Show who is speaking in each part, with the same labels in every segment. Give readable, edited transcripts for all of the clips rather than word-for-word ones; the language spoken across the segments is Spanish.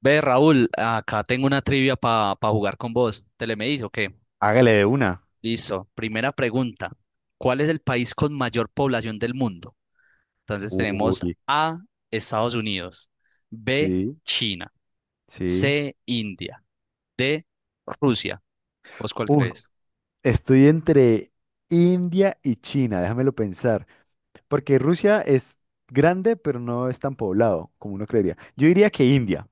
Speaker 1: Ve, Raúl, acá tengo una trivia para jugar con vos. ¿Te le me dice o qué?
Speaker 2: Hágale de una.
Speaker 1: Listo. Primera pregunta. ¿Cuál es el país con mayor población del mundo? Entonces tenemos
Speaker 2: Uy,
Speaker 1: A, Estados Unidos, B,
Speaker 2: sí,
Speaker 1: China,
Speaker 2: sí.
Speaker 1: C, India, D, Rusia. ¿Vos cuál
Speaker 2: Uy,
Speaker 1: crees?
Speaker 2: estoy entre India y China, déjamelo pensar. Porque Rusia es grande, pero no es tan poblado como uno creería. Yo diría que India.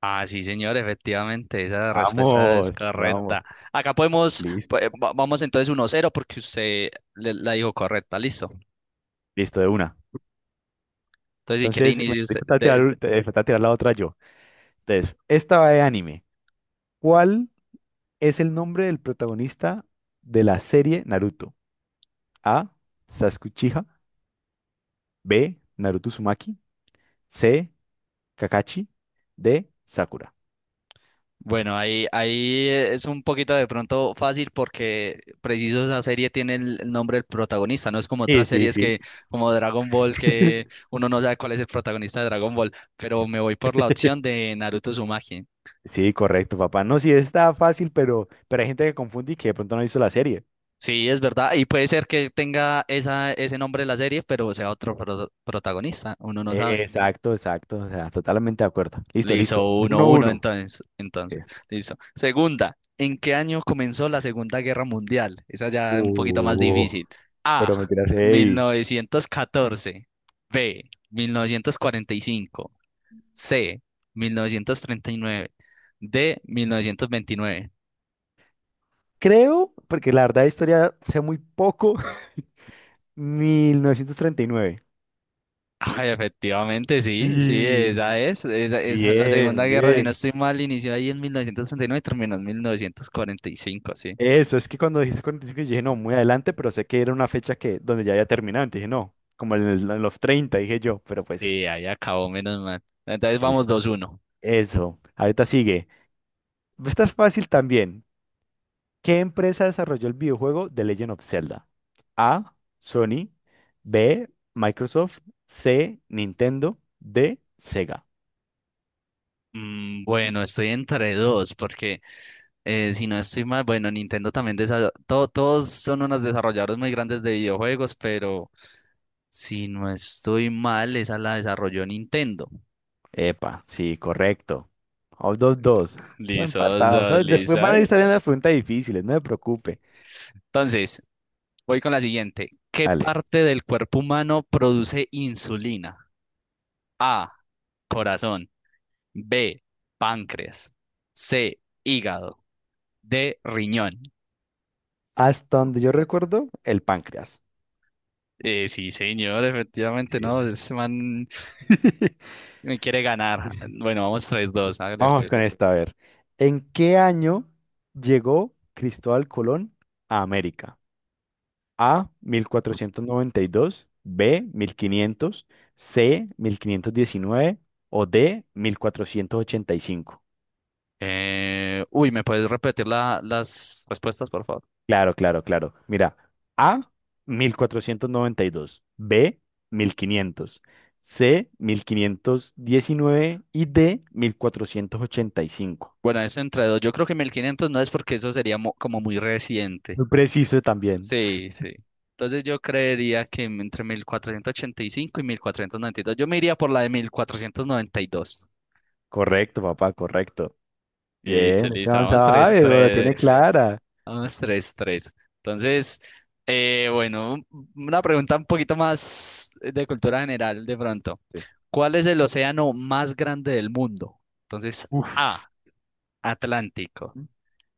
Speaker 1: Ah, sí, señor, efectivamente, esa respuesta es
Speaker 2: Vamos, vamos.
Speaker 1: correcta. Acá podemos,
Speaker 2: Listo,
Speaker 1: pues, vamos entonces uno cero porque usted la dijo correcta, listo.
Speaker 2: listo, de una.
Speaker 1: Entonces, si quiere
Speaker 2: Entonces, me
Speaker 1: inicio,
Speaker 2: me
Speaker 1: usted.
Speaker 2: falta tirar, falta tirar la otra yo. Entonces, esta va de anime. ¿Cuál es el nombre del protagonista de la serie Naruto? A, Sasuke Uchiha. B, Naruto Uzumaki. C, Kakashi de Sakura.
Speaker 1: Bueno, ahí es un poquito de pronto fácil porque preciso esa serie tiene el nombre del protagonista, no es como
Speaker 2: Sí,
Speaker 1: otras
Speaker 2: sí,
Speaker 1: series
Speaker 2: sí.
Speaker 1: que, como Dragon Ball, que uno no sabe cuál es el protagonista de Dragon Ball, pero me voy por la opción de Naruto Uzumaki.
Speaker 2: Sí, correcto, papá. No, sí, está fácil, pero hay gente que confunde y que de pronto no hizo la serie.
Speaker 1: Sí, es verdad, y puede ser que tenga esa, ese nombre de la serie, pero sea otro protagonista, uno no sabe.
Speaker 2: Exacto, exacto. O sea, totalmente de acuerdo. Listo,
Speaker 1: Le hizo
Speaker 2: listo.
Speaker 1: uno
Speaker 2: Uno,
Speaker 1: 1
Speaker 2: uno.
Speaker 1: entonces.
Speaker 2: Ok.
Speaker 1: Listo. Segunda, ¿en qué año comenzó la Segunda Guerra Mundial? Esa ya es un poquito más
Speaker 2: Uh,
Speaker 1: difícil.
Speaker 2: Pero me
Speaker 1: A,
Speaker 2: tiras
Speaker 1: mil
Speaker 2: heavy.
Speaker 1: novecientos catorce, B, mil novecientos cuarenta y cinco, C, mil novecientos treinta y nueve, D, mil novecientos veintinueve.
Speaker 2: Creo, porque la verdad de historia sé muy poco. 1939.
Speaker 1: Ay, efectivamente, sí, sí,
Speaker 2: Sí.
Speaker 1: esa es, la Segunda
Speaker 2: Bien,
Speaker 1: Guerra, si no
Speaker 2: bien.
Speaker 1: estoy mal, inició ahí en mil novecientos treinta y nueve y terminó en mil novecientos cuarenta y cinco, sí.
Speaker 2: Eso, es que cuando dijiste 45 yo dije, no, muy adelante, pero sé que era una fecha que donde ya había terminado, entonces dije, no, como en, en los treinta dije yo, pero pues,
Speaker 1: Sí, ahí acabó, menos mal. Entonces vamos
Speaker 2: listo.
Speaker 1: dos uno.
Speaker 2: Eso, ahorita sigue. Esta es fácil también. ¿Qué empresa desarrolló el videojuego The Legend of Zelda? A, Sony. B, Microsoft. C, Nintendo. D, Sega.
Speaker 1: Bueno, estoy entre dos, porque si no estoy mal, bueno, Nintendo también todos son unos desarrolladores muy grandes de videojuegos, pero si no estoy mal, esa la desarrolló Nintendo.
Speaker 2: Epa, sí, correcto. O 2-2,
Speaker 1: Lisos,
Speaker 2: empatados. Después
Speaker 1: lisa.
Speaker 2: van a ir saliendo las preguntas difíciles, no se preocupe.
Speaker 1: Entonces, voy con la siguiente. ¿Qué
Speaker 2: Dale.
Speaker 1: parte del cuerpo humano produce insulina? A, corazón, B, páncreas, C, hígado, D, riñón.
Speaker 2: Hasta donde yo recuerdo, el páncreas.
Speaker 1: Sí, señor,
Speaker 2: Sí.
Speaker 1: efectivamente, no, es man. Me quiere ganar. Bueno, vamos tres, dos, hágale
Speaker 2: Vamos con
Speaker 1: pues.
Speaker 2: esta, a ver. ¿En qué año llegó Cristóbal Colón a América? A, 1492. B, 1500. C, 1519 o D, 1485.
Speaker 1: ¿Me puedes repetir las respuestas, por favor?
Speaker 2: Claro, claro, claro. Mira, A, 1492. B, 1500. C, 1519 y D, 1485.
Speaker 1: Bueno, es entre dos. Yo creo que 1500 no es porque eso sería como muy reciente.
Speaker 2: Muy preciso también.
Speaker 1: Sí, sí. Entonces yo creería que entre mil cuatrocientos ochenta y cinco y mil cuatrocientos noventa y dos. Yo me iría por la de 1492.
Speaker 2: Correcto, papá, correcto. Bien,
Speaker 1: Listo,
Speaker 2: este
Speaker 1: listo,
Speaker 2: man
Speaker 1: vamos tres,
Speaker 2: sabe, pero la
Speaker 1: tres.
Speaker 2: tiene clara.
Speaker 1: Vamos, tres, tres. Entonces, bueno, una pregunta un poquito más de cultura general de pronto. ¿Cuál es el océano más grande del mundo? Entonces,
Speaker 2: Uf.
Speaker 1: A, Atlántico,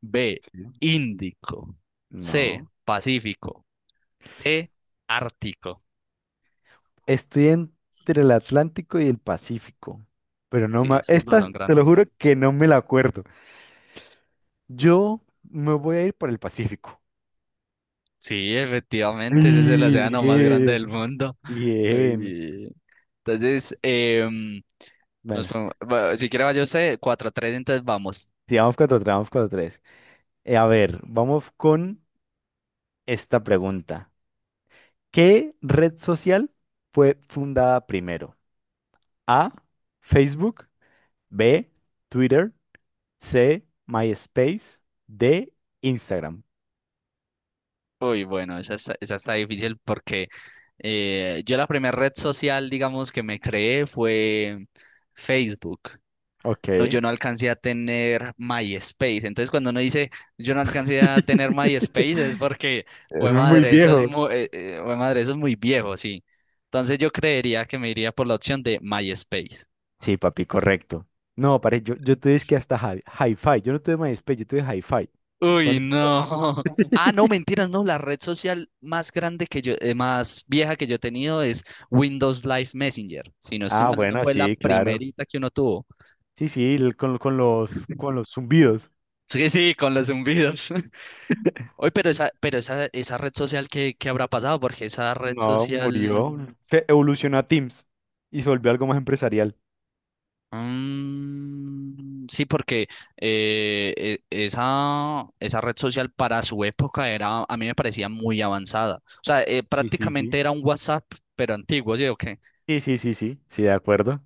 Speaker 1: B,
Speaker 2: Sí.
Speaker 1: Índico, C,
Speaker 2: No.
Speaker 1: Pacífico, D, Ártico.
Speaker 2: Estoy entre el Atlántico y el Pacífico, pero no
Speaker 1: Sí,
Speaker 2: más.
Speaker 1: esos dos
Speaker 2: Esta,
Speaker 1: son
Speaker 2: te lo
Speaker 1: grandes.
Speaker 2: juro que no me la acuerdo. Yo me voy a ir por el Pacífico.
Speaker 1: Sí,
Speaker 2: Sí.
Speaker 1: efectivamente, ese es el océano más grande del
Speaker 2: Bien,
Speaker 1: mundo.
Speaker 2: bien.
Speaker 1: Uy. Entonces,
Speaker 2: Bueno,
Speaker 1: bueno, si quiere vaya usted, cuatro a tres, entonces vamos.
Speaker 2: sigamos con otro, vamos con otro tres. A ver, vamos con esta pregunta. ¿Qué red social fue fundada primero? A, Facebook. B, Twitter. C, MySpace. D, Instagram.
Speaker 1: Bueno, esa está difícil porque yo la primera red social, digamos, que me creé fue Facebook.
Speaker 2: Ok,
Speaker 1: No, yo
Speaker 2: es
Speaker 1: no alcancé a tener MySpace. Entonces, cuando uno dice yo no alcancé a tener MySpace, es porque, güey
Speaker 2: muy
Speaker 1: madre, eso es
Speaker 2: viejo.
Speaker 1: muy, madre, eso es muy viejo, sí. Entonces, yo creería que me iría por la opción de MySpace.
Speaker 2: Sí, papi, correcto. No, pare, yo te dije que hasta Hi-Fi. Yo no tuve MySpace, yo tuve Hi-Fi.
Speaker 1: Uy,
Speaker 2: Con-
Speaker 1: no. Ah, no, mentiras, no. La red social más grande que yo, más vieja que yo he tenido es Windows Live Messenger. Si no estoy
Speaker 2: Ah,
Speaker 1: mal, esa
Speaker 2: bueno,
Speaker 1: fue la
Speaker 2: sí, claro.
Speaker 1: primerita que uno tuvo.
Speaker 2: Sí, sí, con los zumbidos.
Speaker 1: Sí, sí, con los zumbidos. Oye, esa red social, ¿qué habrá pasado? Porque esa red
Speaker 2: No,
Speaker 1: social.
Speaker 2: murió. Se evolucionó a Teams y se volvió algo más empresarial.
Speaker 1: Sí, porque esa red social para su época era, a mí me parecía muy avanzada. O sea,
Speaker 2: Sí, sí,
Speaker 1: prácticamente
Speaker 2: sí.
Speaker 1: era un WhatsApp, pero antiguo, ¿sí o qué?
Speaker 2: Sí, sí, sí, sí, sí, de acuerdo.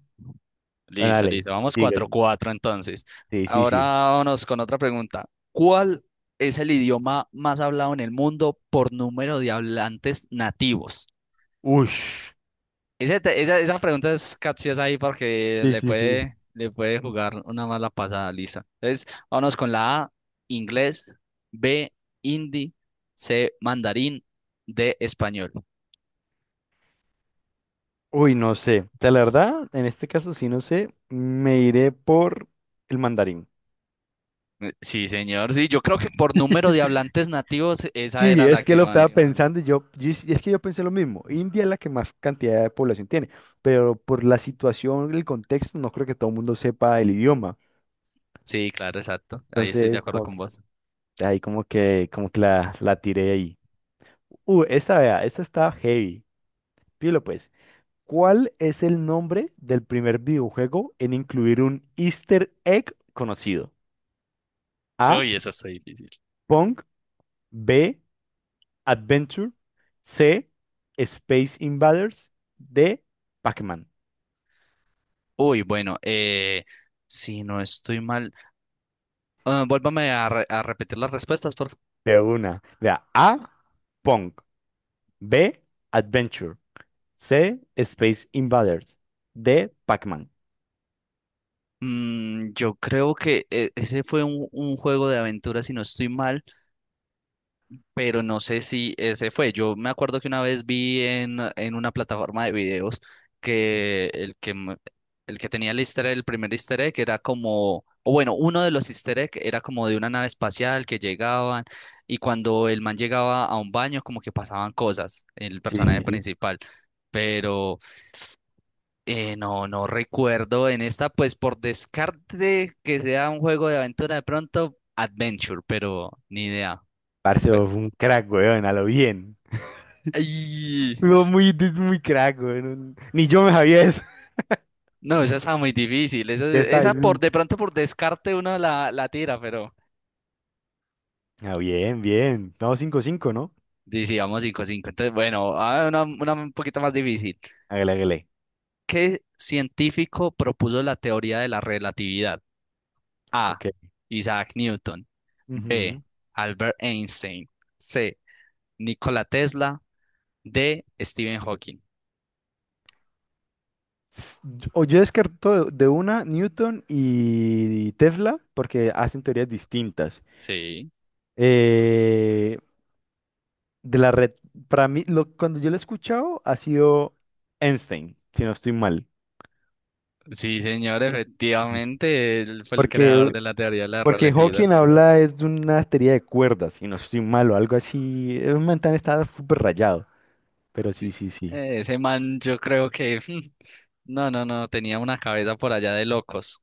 Speaker 2: Bueno,
Speaker 1: Listo,
Speaker 2: dale,
Speaker 1: listo. Vamos
Speaker 2: sigue.
Speaker 1: 4-4 entonces.
Speaker 2: Sí, sí,
Speaker 1: Ahora
Speaker 2: sí.
Speaker 1: vámonos con otra pregunta. ¿Cuál es el idioma más hablado en el mundo por número de hablantes nativos?
Speaker 2: Ush.
Speaker 1: Esa pregunta es capciosa ahí porque
Speaker 2: Sí,
Speaker 1: le
Speaker 2: sí, sí.
Speaker 1: puede, le puede jugar una mala pasada, Lisa. Entonces, vámonos con la A, inglés, B, hindi, C, mandarín, D, español.
Speaker 2: Uy, no sé. O sea, la verdad, en este caso, sí, no sé, me iré por el mandarín.
Speaker 1: Sí, señor. Sí, yo creo que por número de hablantes nativos, esa
Speaker 2: Sí,
Speaker 1: era la
Speaker 2: es que
Speaker 1: que
Speaker 2: lo estaba
Speaker 1: más.
Speaker 2: pensando y yo, y es que yo pensé lo mismo. India es la que más cantidad de población tiene, pero por la situación, el contexto, no creo que todo el mundo sepa el idioma.
Speaker 1: Sí, claro, exacto. Ahí estoy de
Speaker 2: Entonces,
Speaker 1: acuerdo
Speaker 2: como
Speaker 1: con
Speaker 2: que,
Speaker 1: vos.
Speaker 2: de ahí como que, la tiré ahí. Esta, vea, esta está heavy. Pilo, pues. ¿Cuál es el nombre del primer videojuego en incluir un Easter egg conocido? A,
Speaker 1: Uy, eso está difícil.
Speaker 2: Pong. B, Adventure. C, Space Invaders. D, Pac-Man.
Speaker 1: Bueno, si no estoy mal, vuélvame a, re- a repetir las respuestas, por favor.
Speaker 2: De una. Vea, A, Pong. B, Adventure. C, Space Invaders. D, Pac-Man.
Speaker 1: Yo creo que ese fue un juego de aventura, si no estoy mal. Pero no sé si ese fue. Yo me acuerdo que una vez vi en una plataforma de videos que el que tenía el easter egg, el primer easter egg, era como, o bueno, uno de los easter egg era como de una nave espacial que llegaban y cuando el man llegaba a un baño como que pasaban cosas, el
Speaker 2: Sí,
Speaker 1: personaje
Speaker 2: sí, sí.
Speaker 1: principal. Pero no, no recuerdo en esta, pues por descarte que sea un juego de aventura de pronto, Adventure, pero ni idea.
Speaker 2: Parce,
Speaker 1: Fue-
Speaker 2: vos fue un crack, weón, a lo bien.
Speaker 1: Ay.
Speaker 2: Fue muy, muy crack, weón. Ni yo me sabía eso.
Speaker 1: No, esa está muy difícil. Esa,
Speaker 2: Ya está
Speaker 1: esa
Speaker 2: ahí.
Speaker 1: por de pronto por descarte uno la tira, pero
Speaker 2: Ah, bien, bien. No, 5-5, ¿no?
Speaker 1: sí, sí, vamos 5 cinco. Entonces, bueno, ah, una un poquito más difícil.
Speaker 2: Hágale, hágale.
Speaker 1: ¿Qué científico propuso la teoría de la relatividad? A.
Speaker 2: Ok.
Speaker 1: Isaac Newton. B.
Speaker 2: Ujú.
Speaker 1: Albert Einstein. C. Nikola Tesla. D. Stephen Hawking.
Speaker 2: O yo descarto de una Newton y Tesla porque hacen teorías distintas.
Speaker 1: Sí,
Speaker 2: Eh, de la red, para mí, lo, cuando yo lo he escuchado, ha sido Einstein, si no estoy mal.
Speaker 1: sí, señor, efectivamente, él fue el
Speaker 2: Porque
Speaker 1: creador
Speaker 2: Ya
Speaker 1: de la teoría de la
Speaker 2: Porque cierto,
Speaker 1: relatividad.
Speaker 2: Hawking habla es de una teoría de cuerdas, y no estoy malo, algo así. Es un man tan está súper rayado. Pero sí, sí, sí.
Speaker 1: Ese man, yo creo que no, no, no, tenía una cabeza por allá de locos.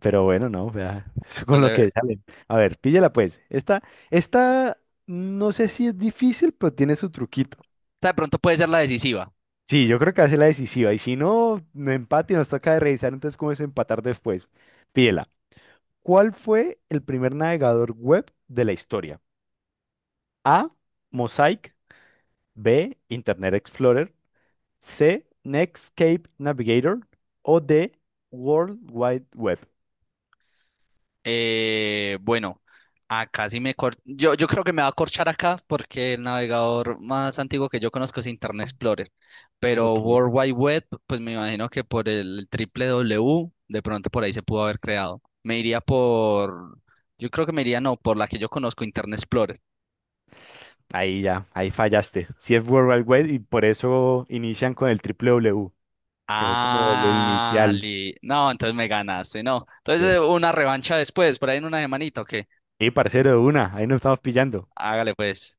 Speaker 2: Pero bueno, no, vea, eso
Speaker 1: O sea,
Speaker 2: con lo que salen. A ver, píllala pues. Esta, no sé si es difícil, pero tiene su truquito.
Speaker 1: de pronto puede ser la decisiva.
Speaker 2: Sí, yo creo que hace la decisiva. Y si no, no empate y nos toca de revisar, entonces cómo es empatar después. Pídela. ¿Cuál fue el primer navegador web de la historia? A, Mosaic. B, Internet Explorer. C, Netscape Navigator o D, World Wide Web.
Speaker 1: Bueno, acá sí me yo creo que me va a corchar acá porque el navegador más antiguo que yo conozco es Internet Explorer. Pero
Speaker 2: Ok.
Speaker 1: World Wide Web, pues me imagino que por el triple W, de pronto por ahí se pudo haber creado. Me iría por, yo creo que me iría no, por la que yo conozco, Internet Explorer.
Speaker 2: Ahí ya, ahí fallaste. Si es World Wide Web y por eso inician con el triple W, que fue como el
Speaker 1: Ah,
Speaker 2: inicial.
Speaker 1: no, entonces me ganaste, no. Entonces una revancha después, por ahí en una semanita, ¿o qué?
Speaker 2: Y parcero de una, ahí nos estamos pillando.
Speaker 1: Hágale pues.